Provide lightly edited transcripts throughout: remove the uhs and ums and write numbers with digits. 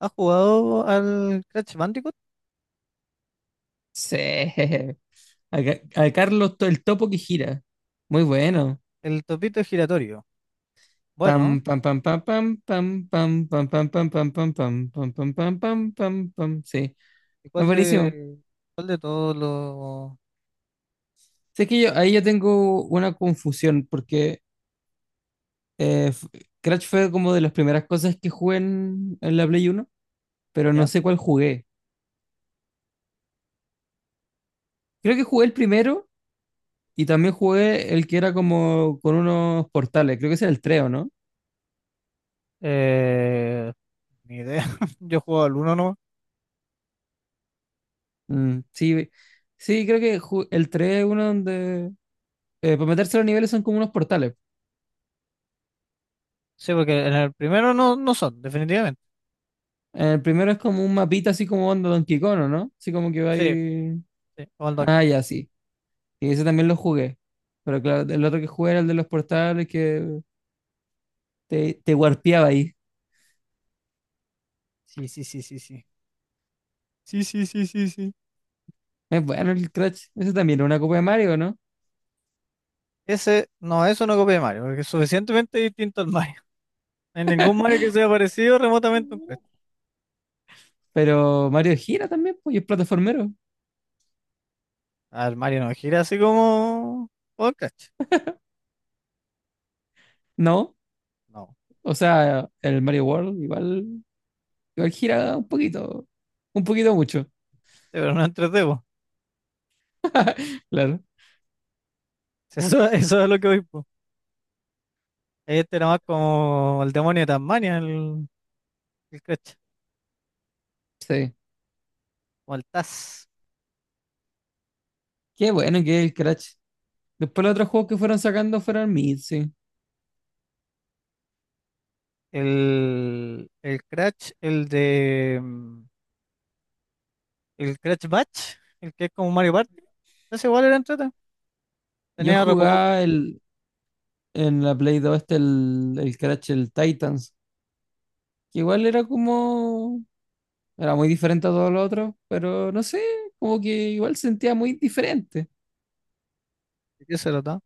¿Has jugado al Crash Bandicoot? Sí. A, a Carlos el topo que gira. Muy bueno. El topito giratorio. Bueno, Pam, pam, pam, pam, pam, pam, pam, pam, pam, pam, pam, pam, pam, pam, pam, pam, pam, pam, pam. Sí. ¿y Es buenísimo. Cuál de todos los... Sé que yo, ahí yo tengo una confusión porque eh, f- Crash fue como de las primeras cosas que jugué en la Play Uno, pero no ¿Ya? sé cuál jugué. Creo que jugué el primero y también jugué el que era como con unos portales. Creo que ese era el 3, ¿o no? Eh, ni idea. Yo he jugado al uno no. Mm, sí, sí, creo que el 3 es uno donde para meterse a los niveles son como unos portales. Sí, porque en el primero no son, definitivamente. El primero es como un mapita así como onda Donkey Kong, ¿o no? Así como que va Sí, ahí. sí, o al Ah, Donkey. ya, sí. Y ese también lo jugué. Pero claro, el otro que jugué era el de los portales que te warpeaba ahí. Sí, sí, sí, sí, sí. Sí, sí, sí, sí, sí. Es bueno el Crash. Ese también era una copia de Mario, ¿no? Ese, no, eso no copia de Mario, porque es suficientemente distinto al Mario. No hay ningún Mario que sea parecido remotamente a un Crash. Pero Mario gira también, pues, y es plataformero. Al Mario no gira así como... O el Crash. ¿No? No. Sí, O sea, el Mario World igual gira un poquito. Un poquito mucho. pero no es en Claro, Sí, eso es lo que voy, po. Este era más como el demonio de Tasmania, el Crash, sí. o el Taz. Qué bueno que es el Crash. Después los otros juegos que fueron sacando fueron Mid, sí. El Crash, el de. El Crash Batch, el que es como Mario Party. Ese igual era entrete. Yo Tenía re poco jugaba juego. el, en la Play dos este, el Crash, el Titans, que igual era como. Era muy diferente a todos los otros, pero no sé, como que igual sentía muy diferente. ¿De qué se trataba?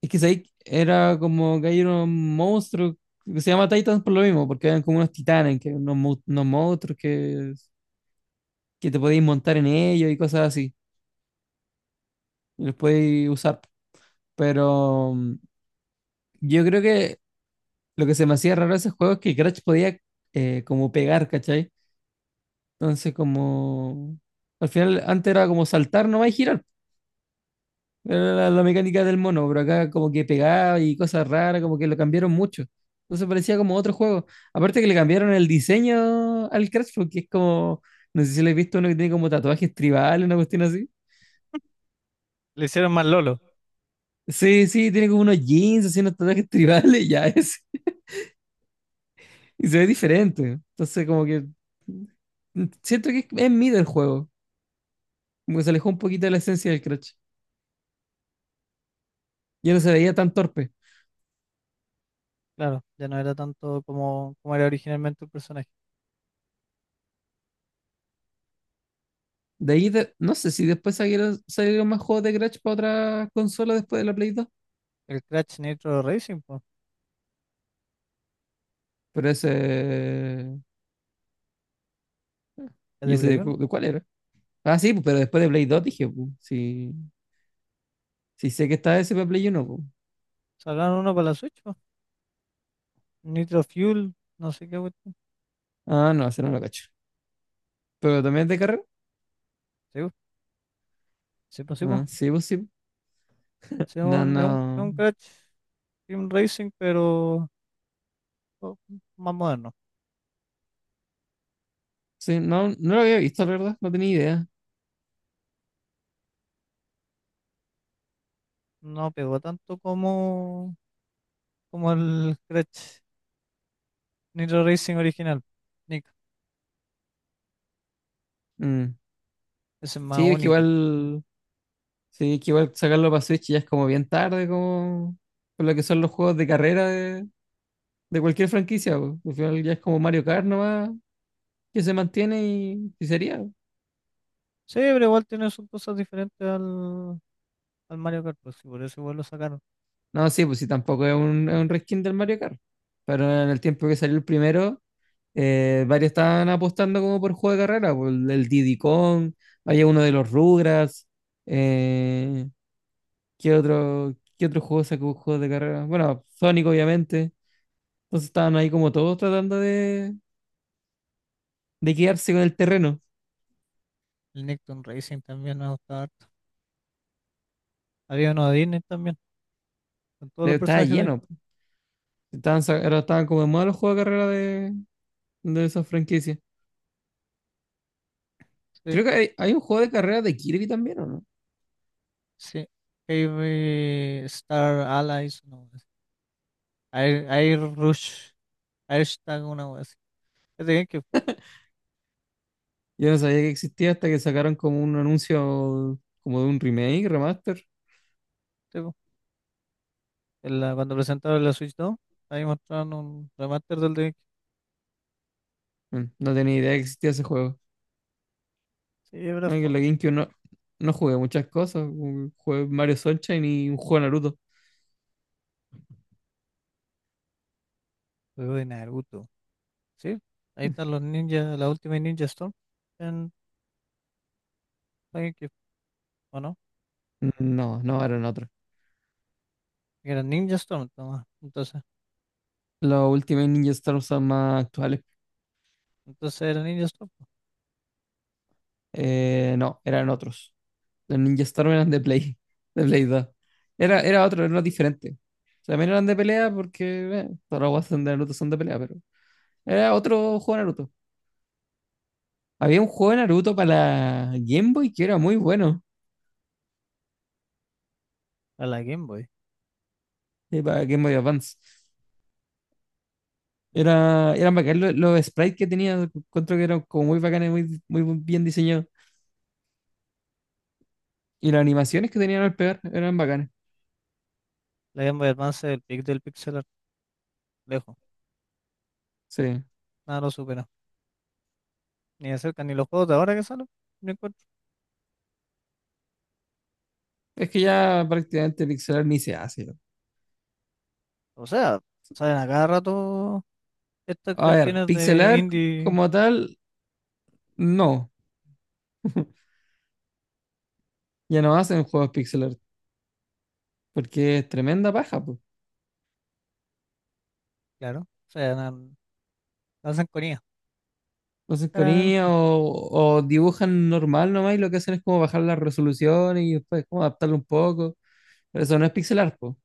Es que ahí era como que hay unos monstruos que se llama Titans por lo mismo, porque eran como unos titanes, que unos monstruos que te podéis montar en ellos y cosas así. Y los podéis usar. Pero mm, yo creo que lo que se me hacía raro de ese juego es que Crash podía como pegar, ¿cachai? Entonces, como, al final, antes era como saltar nomás y girar. Era la mecánica del mono, pero acá como que pegaba y cosas raras, como que lo cambiaron mucho. Entonces parecía como otro juego. Aparte que le cambiaron el diseño al Crash, porque es como, no sé si lo he visto uno que tiene como tatuajes tribales, una cuestión así. Le hicieron más Lolo, Sí, sí, tiene como unos jeans, así unos tatuajes tribales, ya es. Y se ve diferente. Entonces, como que siento que es mid el juego. Como que se alejó un poquito de la esencia del Crash. Ya no se veía tan torpe. claro. Ya no era tanto como, como era originalmente el personaje. De ahí, no sé si después salieron más juegos de Crash para otra consola después de la Play dos. El Crash Nitro Racing, pues, Pero ese. el ¿Y de ese Play de, 1. De cuál era? Ah, sí, pues, pero después de Play 2 dije, pues, sí, sí sé que está ese para Play uno pues. Sacaron uno para la Switch, po. Nitro Fuel, no sé qué cuestión. Ah, no, ese no lo cacho. ¿Pero también es de carrera? Sí, po, sí, po, sí, Ah, po. sí, pues sí. Sí, es No, un, es un, es no. un Crash Sim Racing, pero o- más moderno. Sí, no, no lo había visto, la verdad. No tenía idea. No pegó tanto como, como el Crash Nitro Racing original. Nick, Mm. ese es más Sí, es que único. igual. Sí, que igual sacarlo para Switch ya es como bien tarde, como por lo que son los juegos de carrera de cualquier franquicia, po. Al final ya es como Mario Kart nomás, que se mantiene y sería, po. Sí, pero igual tiene sus cosas diferentes al, al Mario Kart, pues, y por eso igual lo sacaron. No, sí, pues sí, tampoco es un, es un reskin del Mario Kart. Pero en el tiempo que salió el primero, varios estaban apostando como por juego de carrera, por el Diddy Kong, había uno de los Rugrats, eh, qué otro juego sacó juegos de carrera? Bueno, Sonic obviamente. Entonces estaban ahí como todos tratando de quedarse con el terreno. El Nicktoon Racing también me gustaba harto. Había uno de Disney también, con todos los Estaba personajes de lleno. Estaban, ahora estaban como de moda los juegos de carrera de esas franquicias. sí, Creo que hay un juego de carrera de Kirby también, ¿o no? sí. Heavy Star Allies, no, Air, Air Rush, Air Stag, una wea así. Es de GameCube, Yo no sabía que existía hasta que sacaron como un anuncio como de un remake, remaster. sí, cuando presentaron la Switch 2, ahí mostraron un remaster del de... Mm, no tenía idea que existía ese juego. Sí, pero No, que fue en la GameCube no jugué muchas cosas. Como jugué Mario Sunshine y un juego de Naruto. juego de Naruto. Sí, ahí están los ninjas, la última Ninja Storm en Game Cube, ¿o no? Mm, no, no, eran otros. Que era Ninja Storm, toma. Entonces, Los Ultimate Ninja Stars son más actuales. entonces era Ninja Storm, po, No, eran otros. Los Ninja Storm eran de Play 2. Era otro, era uno diferente. También eran de pelea porque todas las guas de Naruto son de pelea, pero era otro juego de Naruto. Había un juego de Naruto para la Game Boy que era muy bueno, a la Game Boy. Para Game Boy Advance. Eran bacán los sprites que tenía, encuentro que eran como muy bacanes, muy, muy bien diseñados. Y las animaciones que tenían al pegar eran bacanas. La Game Boy Advance es el pic del pixel art, lejos. Sí. Nada lo supera. Ni de cerca, ni los juegos de ahora que salen. Ni encuentro. Es que ya prácticamente pixelar ni se hace. O sea, salen a cada rato estas A ver, cuestiones de pixelar indie. como tal, no. Ya no hacen juegos pixel art, porque es tremenda paja, pues. Claro. O sea, hacen con Entonces, con IA. IA o dibujan normal nomás y lo que hacen es como bajar la resolución y después como adaptarlo un poco. Pero eso no es pixel art, po.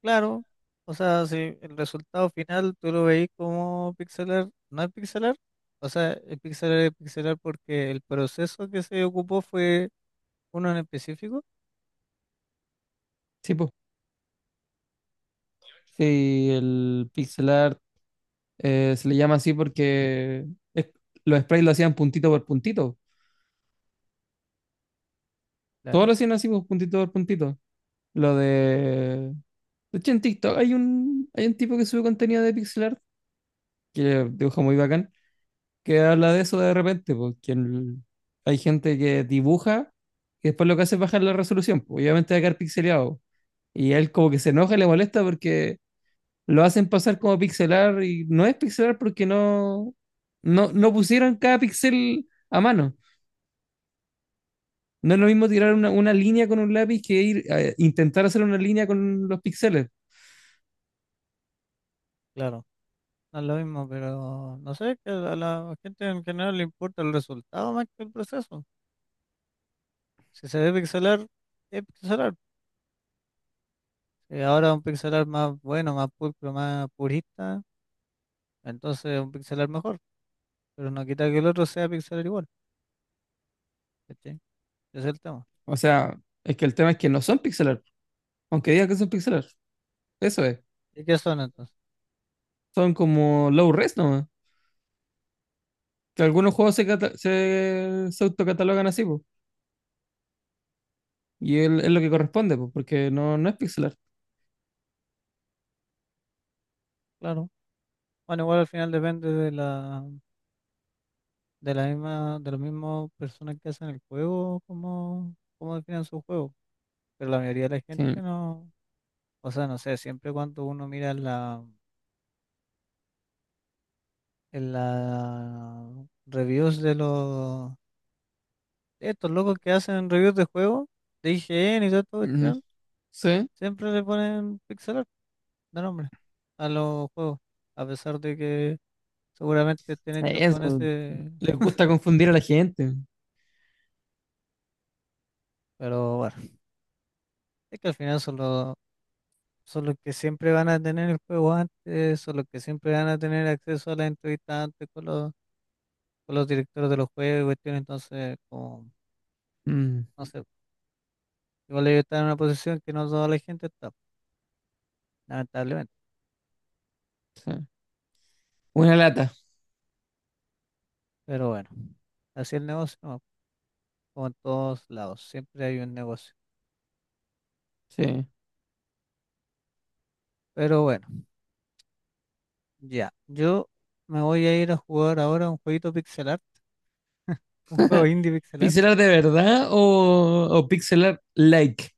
Claro, o sea, si el resultado final tú lo veis como pixelar, no es pixelar, o sea, el pixelar es pixelar porque el proceso que se ocupó fue uno en específico, Sí, po. Sí, el pixel art se le llama así porque es- los sprites lo hacían puntito por puntito. Todos claro, lo hacían así, pues, puntito por puntito. Lo de. De hecho, en TikTok hay un tipo que sube contenido de pixel art que dibuja muy bacán, que habla de eso de repente, porque hay gente que dibuja y después lo que hace es bajar la resolución, pues, obviamente va a quedar pixeleado. Y él como que se enoja y le molesta porque lo hacen pasar como pixelar y no es pixelar porque no pusieron cada pixel a mano. No es lo mismo tirar una línea con un lápiz que ir a intentar hacer una línea con los píxeles. claro, no es lo mismo, pero no sé, que a la gente en general le importa el resultado más que el proceso. Si se ve pixelar, es pixelar. Y ahora un pixelar más bueno, más pulcro, más purista, entonces un pixelar mejor, pero no quita que el otro sea pixelar igual, ¿cachai? Ese es el tema. O sea, es que el tema es que no son pixelar, aunque digan que son pixelar. Eso es. ¿Y qué son entonces? Son como low res, ¿no? Que algunos juegos se, se autocatalogan así, po, y es lo que corresponde, po, porque no es pixelar. Claro. Bueno, igual al final depende de la misma, de las mismas personas que hacen el juego, cómo, cómo definen su juego. Pero la mayoría de la gente Sí. no, o sea, no sé, siempre cuando uno mira en la reviews de los, de estos locos que hacen reviews de juegos, de IGN y toda esta Ujú. cuestión, Sí, siempre le ponen pixel art de nombre a los juegos, a pesar de que seguramente estén hechos eso. con ese, Les gusta confundir a la gente. pero bueno, es que al final son los que siempre van a tener el juego antes, son los que siempre van a tener acceso a las entrevistas antes con los directores de los juegos y cuestiones, entonces, como, Mm, no sé, igual ellos están en una posición que no toda la gente está, lamentablemente, sí. Una lata. pero bueno, así es el negocio, ¿no? Como en todos lados, siempre hay un negocio. Sí. Pero bueno, ya, yo me voy a ir a jugar ahora un jueguito pixelar, un juego indie pixelar. ¿Pixelar de verdad o pixelar like?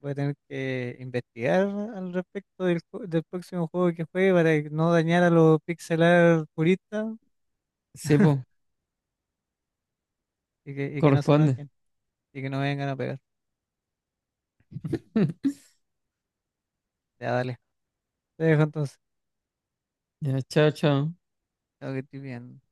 Voy a tener que investigar al respecto del próximo juego que juegue para que no dañar a los pixelar puristas Sí, po, y que no se corresponde. enojen y que no vengan a pegar. Ya, dale. Te dejo entonces. Ya, chao, chao. Tengo que estoy bien.